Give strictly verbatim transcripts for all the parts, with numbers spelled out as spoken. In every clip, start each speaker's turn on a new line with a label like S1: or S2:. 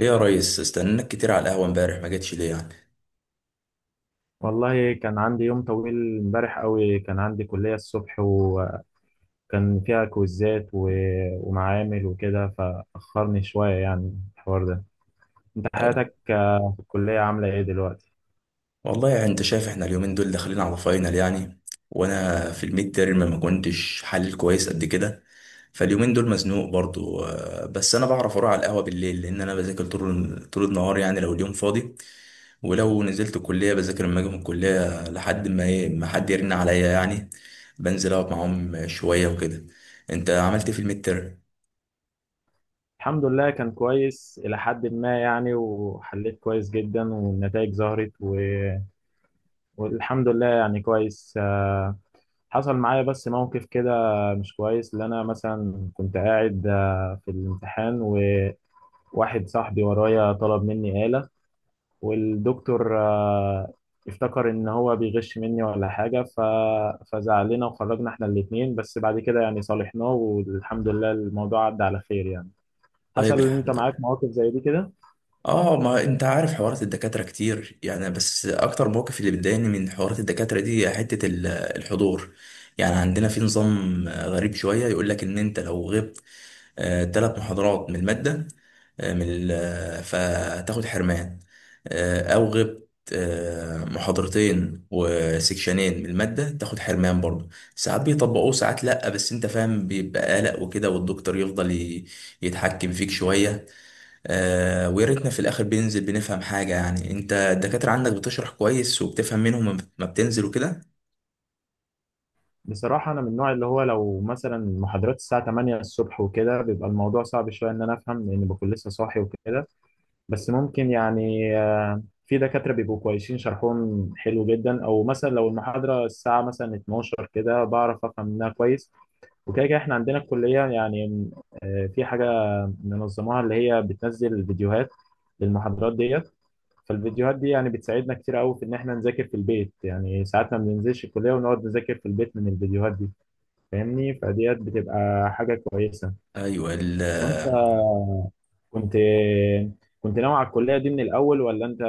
S1: ايه يا ريس، استناك كتير على القهوة امبارح. ما جتش ليه يعني؟
S2: والله كان عندي يوم طويل امبارح قوي. كان عندي كلية الصبح وكان فيها كويزات و... ومعامل وكده، فأخرني شوية يعني الحوار ده. انت
S1: أه،
S2: حياتك، آه، في الكلية عاملة ايه دلوقتي؟
S1: والله يعني انت شايف احنا اليومين دول داخلين على فاينل يعني. وانا في الميد تيرم ما كنتش حلل كويس قد كده. فاليومين دول مزنوق برضو أه، بس انا بعرف اروح على القهوة بالليل، لان انا بذاكر طول طول النهار يعني. لو اليوم فاضي ولو نزلت الكلية بذاكر لما اجي من الكلية لحد ما ايه، ما حد يرن عليا يعني، بنزل اقعد معاهم شوية وكده. انت عملت ايه في الميد تيرم؟
S2: الحمد لله كان كويس إلى حد ما يعني، وحليت كويس جدا والنتائج ظهرت و... والحمد لله يعني كويس. آه، حصل معايا بس موقف كده مش كويس، اللي أنا مثلا كنت قاعد آه، في الامتحان، وواحد صاحبي ورايا طلب مني آلة، والدكتور آه، افتكر ان هو بيغش مني ولا حاجه ف... فزعلنا وخرجنا احنا الاثنين، بس بعد كده يعني صالحناه، والحمد لله الموضوع عدى على خير يعني.
S1: طيب،
S2: حصل ان انت
S1: الحمد
S2: معاك
S1: لله.
S2: مواقف زي دي كده؟
S1: اه، ما انت عارف حوارات الدكاترة كتير يعني، بس اكتر موقف اللي بيضايقني من حوارات الدكاترة دي حتة ال- الحضور. يعني عندنا في نظام آه، غريب شوية، يقول لك ان انت لو غبت ثلاث محاضرات من المادة، آه، من ال- آه، فتاخد حرمان، آه، او غبت آه، محاضرتين وسكشنين من المادة تاخد حرمان برضه. ساعات بيطبقوه ساعات لأ، بس انت فاهم بيبقى قلق وكده، والدكتور يفضل ي- يتحكم فيك شوية. آه، ويا ريتنا في الاخر بننزل بنفهم حاجه يعني. انت الدكاتره عندك بتشرح كويس وبتفهم منهم لما ما بتنزل وكده.
S2: بصراحه انا من النوع اللي هو لو مثلا محاضرات الساعه ثمانية الصبح وكده بيبقى الموضوع صعب شويه ان انا افهم، لان بكون لسه صاحي وكده. بس ممكن يعني، آه، في دكاترة بيبقوا كويسين شرحهم حلو جدا، او مثلا لو المحاضرة الساعة مثلا اتناشر كده بعرف افهم منها كويس. وكده كده احنا عندنا الكلية يعني آه، في حاجة منظموها، اللي هي بتنزل فيديوهات للمحاضرات ديت. فالفيديوهات دي يعني بتساعدنا كتير قوي في ان احنا نذاكر في البيت، يعني ساعات ما بننزلش الكلية ونقعد نذاكر في البيت من الفيديوهات دي. فاهمني؟ فديت بتبقى حاجة كويسة.
S1: ايوه ال-
S2: وانت كنت كنت ناوي على الكلية دي من الاول، ولا انت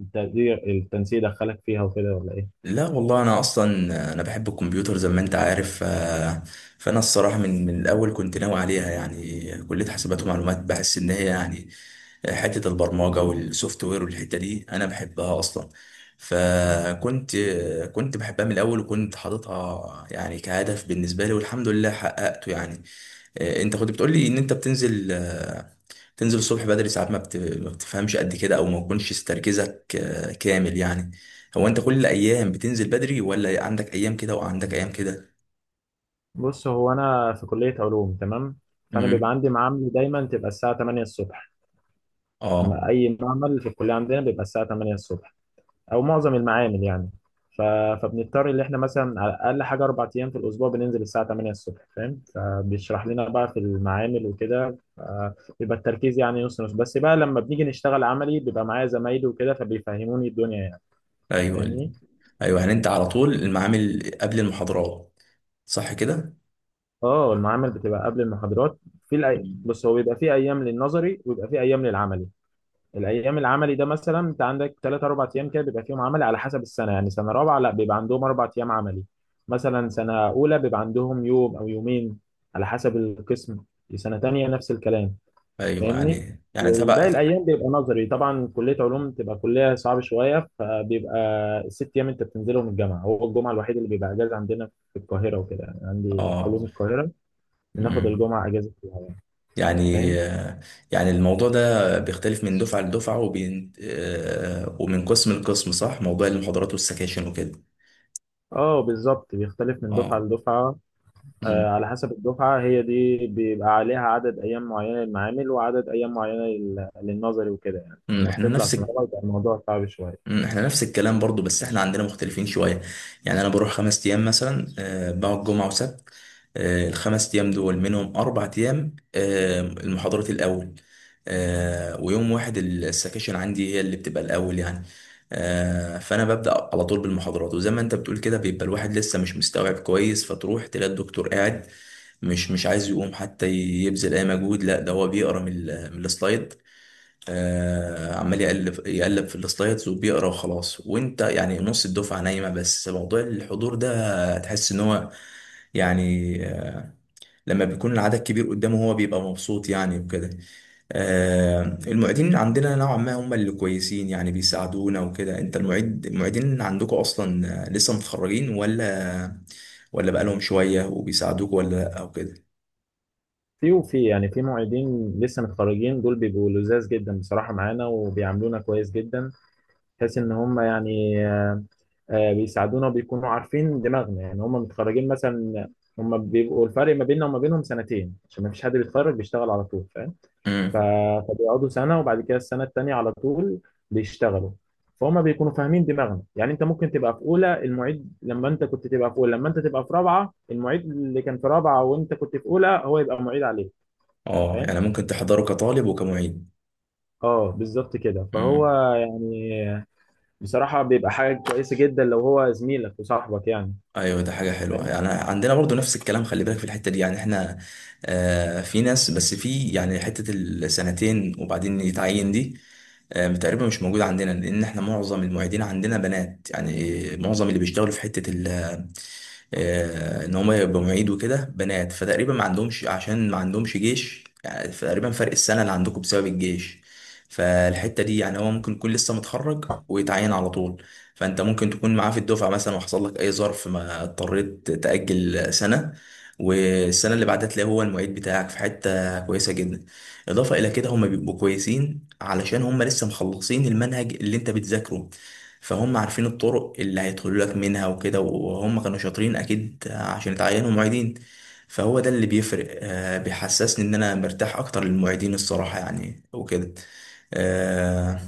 S2: التقدير التنسيق دخلك فيها وكده ولا ايه؟
S1: لا والله، انا اصلا انا بحب الكمبيوتر زي ما انت عارف. آه، فانا الصراحه من من الاول كنت ناوي عليها يعني. كليه حاسبات ومعلومات، بحس ان هي يعني حته البرمجه والسوفت وير والحته دي انا بحبها اصلا. فكنت كنت بحبها من الاول، وكنت حاططها يعني كهدف بالنسبه لي، والحمد لله حققته يعني. آه، انت كنت بتقول لي ان انت بتنزل آه، تنزل الصبح بدري، ساعات ما بت- ما بتفهمش قد كده، او ما بيكونش تركيزك آه، كامل يعني. هو انت كل الايام بتنزل بدري، ولا عندك ايام كده وعندك ايام كده؟
S2: بص، هو انا في كلية علوم تمام، فانا بيبقى
S1: امم.
S2: عندي معامل دايما تبقى الساعة ثمانية الصبح. ما-
S1: اه.
S2: اي معمل في الكليه عندنا بيبقى الساعه ثمانية الصبح، او معظم المعامل يعني ف... فبنضطر ان احنا مثلا على اقل حاجه اربع ايام في الاسبوع بننزل الساعه التامنة الصبح، فاهم، فبيشرح لنا بقى في المعامل وكده ف- بيبقى التركيز يعني نص نص، بس بقى لما بنيجي نشتغل عملي بيبقى معايا زمايلي وكده فبيفهموني الدنيا يعني.
S1: ايوه ال-
S2: فاهمني.
S1: ايوه يعني، انت على طول المعامل قبل المحاضرات صح كده؟
S2: اه، المعامل بتبقى قبل المحاضرات. في الأي...
S1: مم.
S2: بص، هو بيبقى في ايام للنظري وبيبقى في ايام للعملي. الايام العملي ده مثلا انت عندك ثلاث اربع ايام كده بيبقى فيهم عملي، على حسب السنه يعني. سنه رابعه لا بيبقى عندهم اربع ايام عملي، مثلا سنه اولى بيبقى عندهم يوم او يومين، على حسب القسم. سنه تانية نفس الكلام.
S1: ايوه
S2: فاهمني.
S1: يعني يعني
S2: والباقي
S1: تبع.
S2: الايام بيبقى نظري. طبعا كليه علوم تبقى كليه صعبه شويه، فبيبقى الست ايام انت بتنزلهم الجامعه، هو الجمعه الوحيد اللي بيبقى اجازه عندنا في القاهره وكده، يعني عندي
S1: اه.
S2: علوم القاهره، بناخد
S1: مم.
S2: الجمعه اجازه فيها.
S1: يعني
S2: فاهم.
S1: يعني الموضوع ده بيختلف من دفعة لدفعة وبين آه، ومن قسم لقسم صح؟ موضوع المحاضرات والسكاشن وكده.
S2: اه بالظبط، بيختلف من دفعه
S1: اه.
S2: لدفعه. آه،
S1: أمم.
S2: على حسب الدفعة هي دي بيبقى عليها عدد أيام معينة للمعامل وعدد أيام معينة لل- للنظري وكده، يعني
S1: أمم،
S2: لما
S1: احنا
S2: بتطلع
S1: نفس
S2: سنة أولى بيبقى الموضوع صعب شوية.
S1: مم، احنا نفس الكلام برضو، بس احنا عندنا مختلفين شوية. يعني انا بروح خمس ايام مثلا، آه، بقعد جمعة وسبت. آه، الخمس ايام دول منهم اربع ايام آه، المحاضرات الاول، آه، ويوم واحد السكاشن عندي هي اللي بتبقى الاول يعني. آه، فانا ببدأ على طول بالمحاضرات، وزي ما انت بتقول كده بيبقى الواحد لسه مش مستوعب كويس، فتروح تلاقي الدكتور قاعد مش مش عايز يقوم حتى يبذل اي مجهود. لا، ده هو بيقرا من ال- من السلايد. آه، عمال يقلب يقلب في السلايدز وبيقرا وخلاص، وانت يعني نص الدفعه نايمه. بس موضوع الحضور ده تحس ان هو يعني، آه، لما بيكون العدد كبير قدامه هو بيبقى مبسوط يعني وكده. آه، المعيدين عندنا نوعا ما هم اللي كويسين يعني، بيساعدونا وكده. انت المعيد، المعيدين عندكم اصلا آه، لسه متخرجين، ولا ولا بقالهم شويه وبيساعدوك ولا لا او كده؟
S2: في وفي يعني في معيدين لسه متخرجين، دول بيبقوا لزاز جدا بصراحة معانا وبيعاملونا كويس جدا، بحيث إن هم يعني، آه، آه، بيساعدونا وبيكونوا عارفين دماغنا. يعني هم متخرجين مثلا، هم بيبقوا الفرق ما بيننا وما بينهم سنتين، عشان ما فيش حد بيتخرج بيشتغل على طول ف-
S1: امم.
S2: فبيقعدوا سنة وبعد كده السنة التانية على طول بيشتغلوا. فهم بيكونوا فاهمين دماغنا، يعني انت ممكن تبقى في اولى المعيد لما انت كنت تبقى في اولى، لما انت تبقى في رابعة المعيد اللي كان في رابعة وانت كنت في اولى هو يبقى معيد عليك.
S1: اه،
S2: فاهم.
S1: يعني ممكن تحضره كطالب وكمعيد.
S2: اه بالظبط كده. فهو
S1: امم.
S2: يعني بصراحة بيبقى حاجة كويسة جدا لو هو زميلك وصاحبك يعني.
S1: ايوه، ده حاجه حلوه
S2: فاهم.
S1: يعني، عندنا برضو نفس الكلام. خلي بالك في الحته دي يعني احنا، آه في ناس، بس في يعني حته السنتين وبعدين يتعين دي آه تقريبا مش موجوده عندنا. لان احنا معظم المعيدين عندنا بنات يعني، معظم اللي بيشتغلوا في حته آه، ان هم يبقوا معيد وكده بنات، فتقريبا ما عندهمش، عشان ما عندهمش جيش يعني. تقريبا فرق السنه اللي عندكم بسبب الجيش. فالحته دي يعني هو ممكن يكون لسه متخرج ويتعين على طول، فانت ممكن تكون معاه في الدفعه مثلا، وحصل لك اي ظرف ما اضطريت تاجل سنه، والسنه اللي بعدها تلاقيه هو المعيد بتاعك في حته كويسه جدا. اضافه الى كده هم بيبقوا كويسين علشان هم لسه مخلصين المنهج اللي انت بتذاكره، فهم عارفين الطرق اللي هيدخلوا لك منها وكده، وهم كانوا شاطرين اكيد عشان اتعينوا معيدين. فهو ده اللي بيفرق آه، بيحسسني ان انا مرتاح اكتر للمعيدين الصراحة يعني وكده. آه،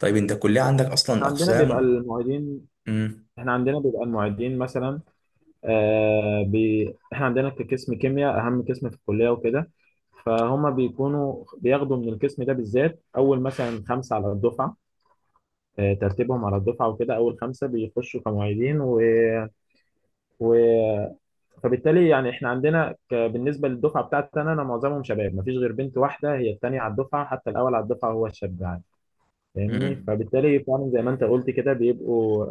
S1: طيب انت الكلية عندك اصلا
S2: احنا عندنا بيبقى
S1: اقسام؟
S2: المعيدين
S1: امم.
S2: احنا عندنا بيبقى المعيدين مثلا، آه بي... احنا عندنا كقسم كيمياء اهم قسم في الكليه وكده، فهم بيكونوا بياخدوا من القسم ده بالذات اول مثلا خمسه على الدفعه، آه ترتيبهم على الدفعه وكده، اول خمسه بيخشوا كمعيدين و... و... فبالتالي يعني احنا عندنا ك... بالنسبه للدفعه بتاعتنا انا معظمهم شباب، مفيش غير بنت واحده هي الثانيه على الدفعه، حتى الاول على الدفعه هو الشاب يعني. فاهمني.
S1: امم.
S2: فبالتالي فعلا زي ما انت قلت كده بيبقوا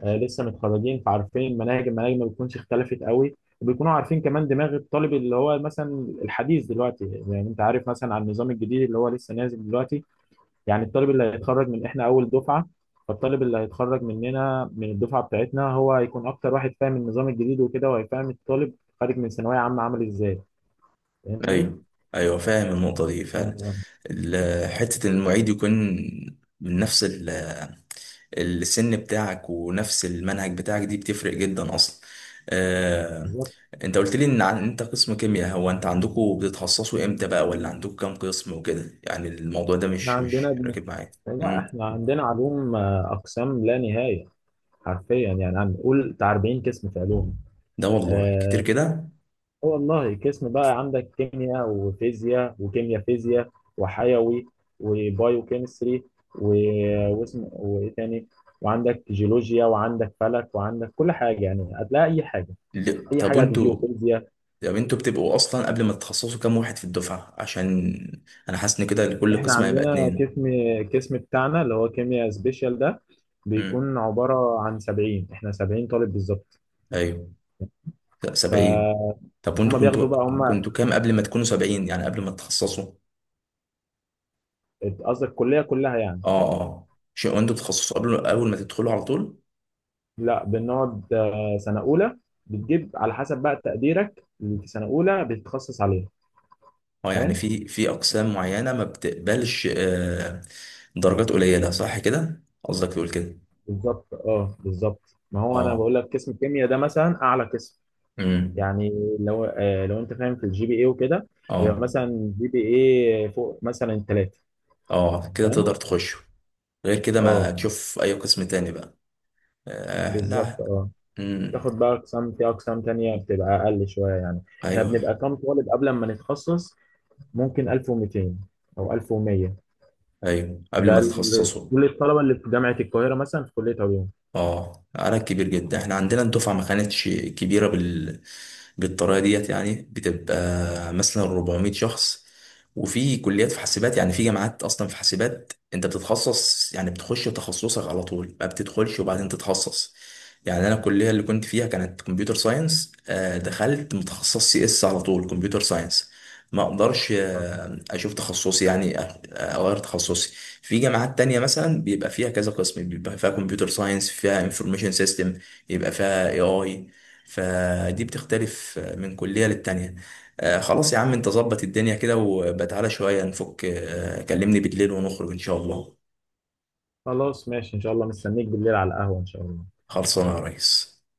S2: آه، لسه متخرجين، فعارفين المناهج المناهج ما بتكونش اختلفت قوي، وبيكونوا عارفين كمان دماغ الطالب اللي هو مثلا الحديث دلوقتي، زي ما انت عارف مثلا عن النظام الجديد اللي هو لسه نازل دلوقتي. يعني الطالب اللي هيتخرج من احنا اول دفعة، فالطالب اللي هيتخرج مننا من الدفعة بتاعتنا هو هيكون اكتر واحد فاهم النظام الجديد وكده، وهيفهم الطالب خارج من ثانوية عامة عامل ازاي. فاهمني؟
S1: ايوه. ايوه فاهم النقطة دي فعلا.
S2: آه،
S1: ال- حتة إن المعيد يكون من نفس السن بتاعك ونفس المنهج بتاعك دي بتفرق جدا اصلا. آه،
S2: بالظبط.
S1: انت قلت لي ان عن- انت قسم كيمياء. هو انت عندكم بتتخصصوا امتى بقى، ولا عندكم كام قسم وكده يعني؟ الموضوع ده
S2: احنا
S1: مش مش
S2: عندنا،
S1: راكب معايا.
S2: لا
S1: امم.
S2: احنا عندنا علوم آه، اقسام لا نهاية، حرفيا يعني عم قول بتاع أربعين قسم في علوم.
S1: ده والله كتير
S2: آه
S1: كده.
S2: والله، قسم بقى عندك كيمياء وفيزياء وكيمياء فيزياء وحيوي وبايوكيمستري و... واسم وايه تاني، وعندك جيولوجيا وعندك فلك وعندك كل حاجه، يعني هتلاقي اي حاجه،
S1: ل-
S2: اي
S1: طب
S2: حاجه هتجي
S1: وانتوا،
S2: وفيزياء.
S1: طب انتوا بتبقوا اصلا قبل ما تتخصصوا كام واحد في الدفعة، عشان انا حاسس ان كده لكل
S2: احنا
S1: قسم هيبقى
S2: عندنا
S1: اتنين.
S2: قسم قسم بتاعنا اللي هو كيمياء سبيشال ده
S1: امم.
S2: بيكون عباره عن سبعين، احنا سبعين طالب بالظبط.
S1: ايوه. لا، سبعين.
S2: فهم
S1: طب وانتوا
S2: بياخدوا
S1: كنتوا،
S2: بقى هم.
S1: كنتوا كام قبل ما تكونوا سبعين يعني، قبل ما تتخصصوا؟
S2: قصدك الكليه كلها يعني؟
S1: اه. اه شيء، وانتوا بتتخصصوا قبل، اول ما تدخلوا على طول؟
S2: لا بنقعد آه، سنة أولى، بتجيب على حسب بقى تقديرك اللي في سنة أولى بتتخصص عليها.
S1: اه يعني
S2: فاهم؟
S1: في في اقسام معينه ما بتقبلش آه درجات قليله صح كده، قصدك تقول كده؟
S2: بالظبط اه، بالظبط. ما هو أنا
S1: اه.
S2: بقول لك قسم الكيمياء ده مثلا أعلى قسم
S1: امم.
S2: يعني، لو آه، لو أنت فاهم في الجي بي إيه وكده، يبقى
S1: اه.
S2: مثلا جي بي إيه فوق مثلا التلاتة.
S1: اه كده
S2: فاهم؟
S1: تقدر تخش، غير كده ما
S2: اه
S1: تشوف اي قسم تاني بقى. آه
S2: بالظبط
S1: لا.
S2: اه.
S1: امم.
S2: تاخد بقى أقسام، في أقسام تانية بتبقى أقل شوية يعني. احنا
S1: ايوه.
S2: بنبقى كام طالب قبل ما نتخصص؟ ممكن ألف ومائتين أو ألف ومية.
S1: ايوه قبل
S2: ده
S1: ما
S2: ال-
S1: تتخصصوا.
S2: كل الطلبة اللي في جامعة القاهرة مثلا في كلية علوم.
S1: اه، عدد كبير جدا. احنا عندنا الدفعة ما كانتش كبيرة بال... بالطريقة ديت يعني. بتبقى مثلا أربعمائة شخص. وفي كليات في حاسبات يعني، في جامعات اصلا في حاسبات انت بتتخصص يعني، بتخش تخصصك على طول، ما بتدخلش وبعدين تتخصص. يعني انا الكلية اللي كنت فيها كانت كمبيوتر ساينس، آه، دخلت متخصص سي اس على طول، كمبيوتر ساينس. ما اقدرش
S2: آه.
S1: آه، اشوف تخصصي يعني، آه، اغير تخصصي. في جامعات تانية مثلا بيبقى فيها كذا قسم، بيبقى فيها كمبيوتر ساينس، فيها انفورميشن سيستم، يبقى فيها اي اي. فدي بتختلف من كلية للتانية. آه خلاص يا عم، انت ظبط الدنيا كده، وبتعالى شوية نفك. آه كلمني بالليل ونخرج ان شاء الله.
S2: خلاص ماشي إن شاء الله، مستنيك بالليل على القهوة إن شاء الله.
S1: خلصانة يا ريس.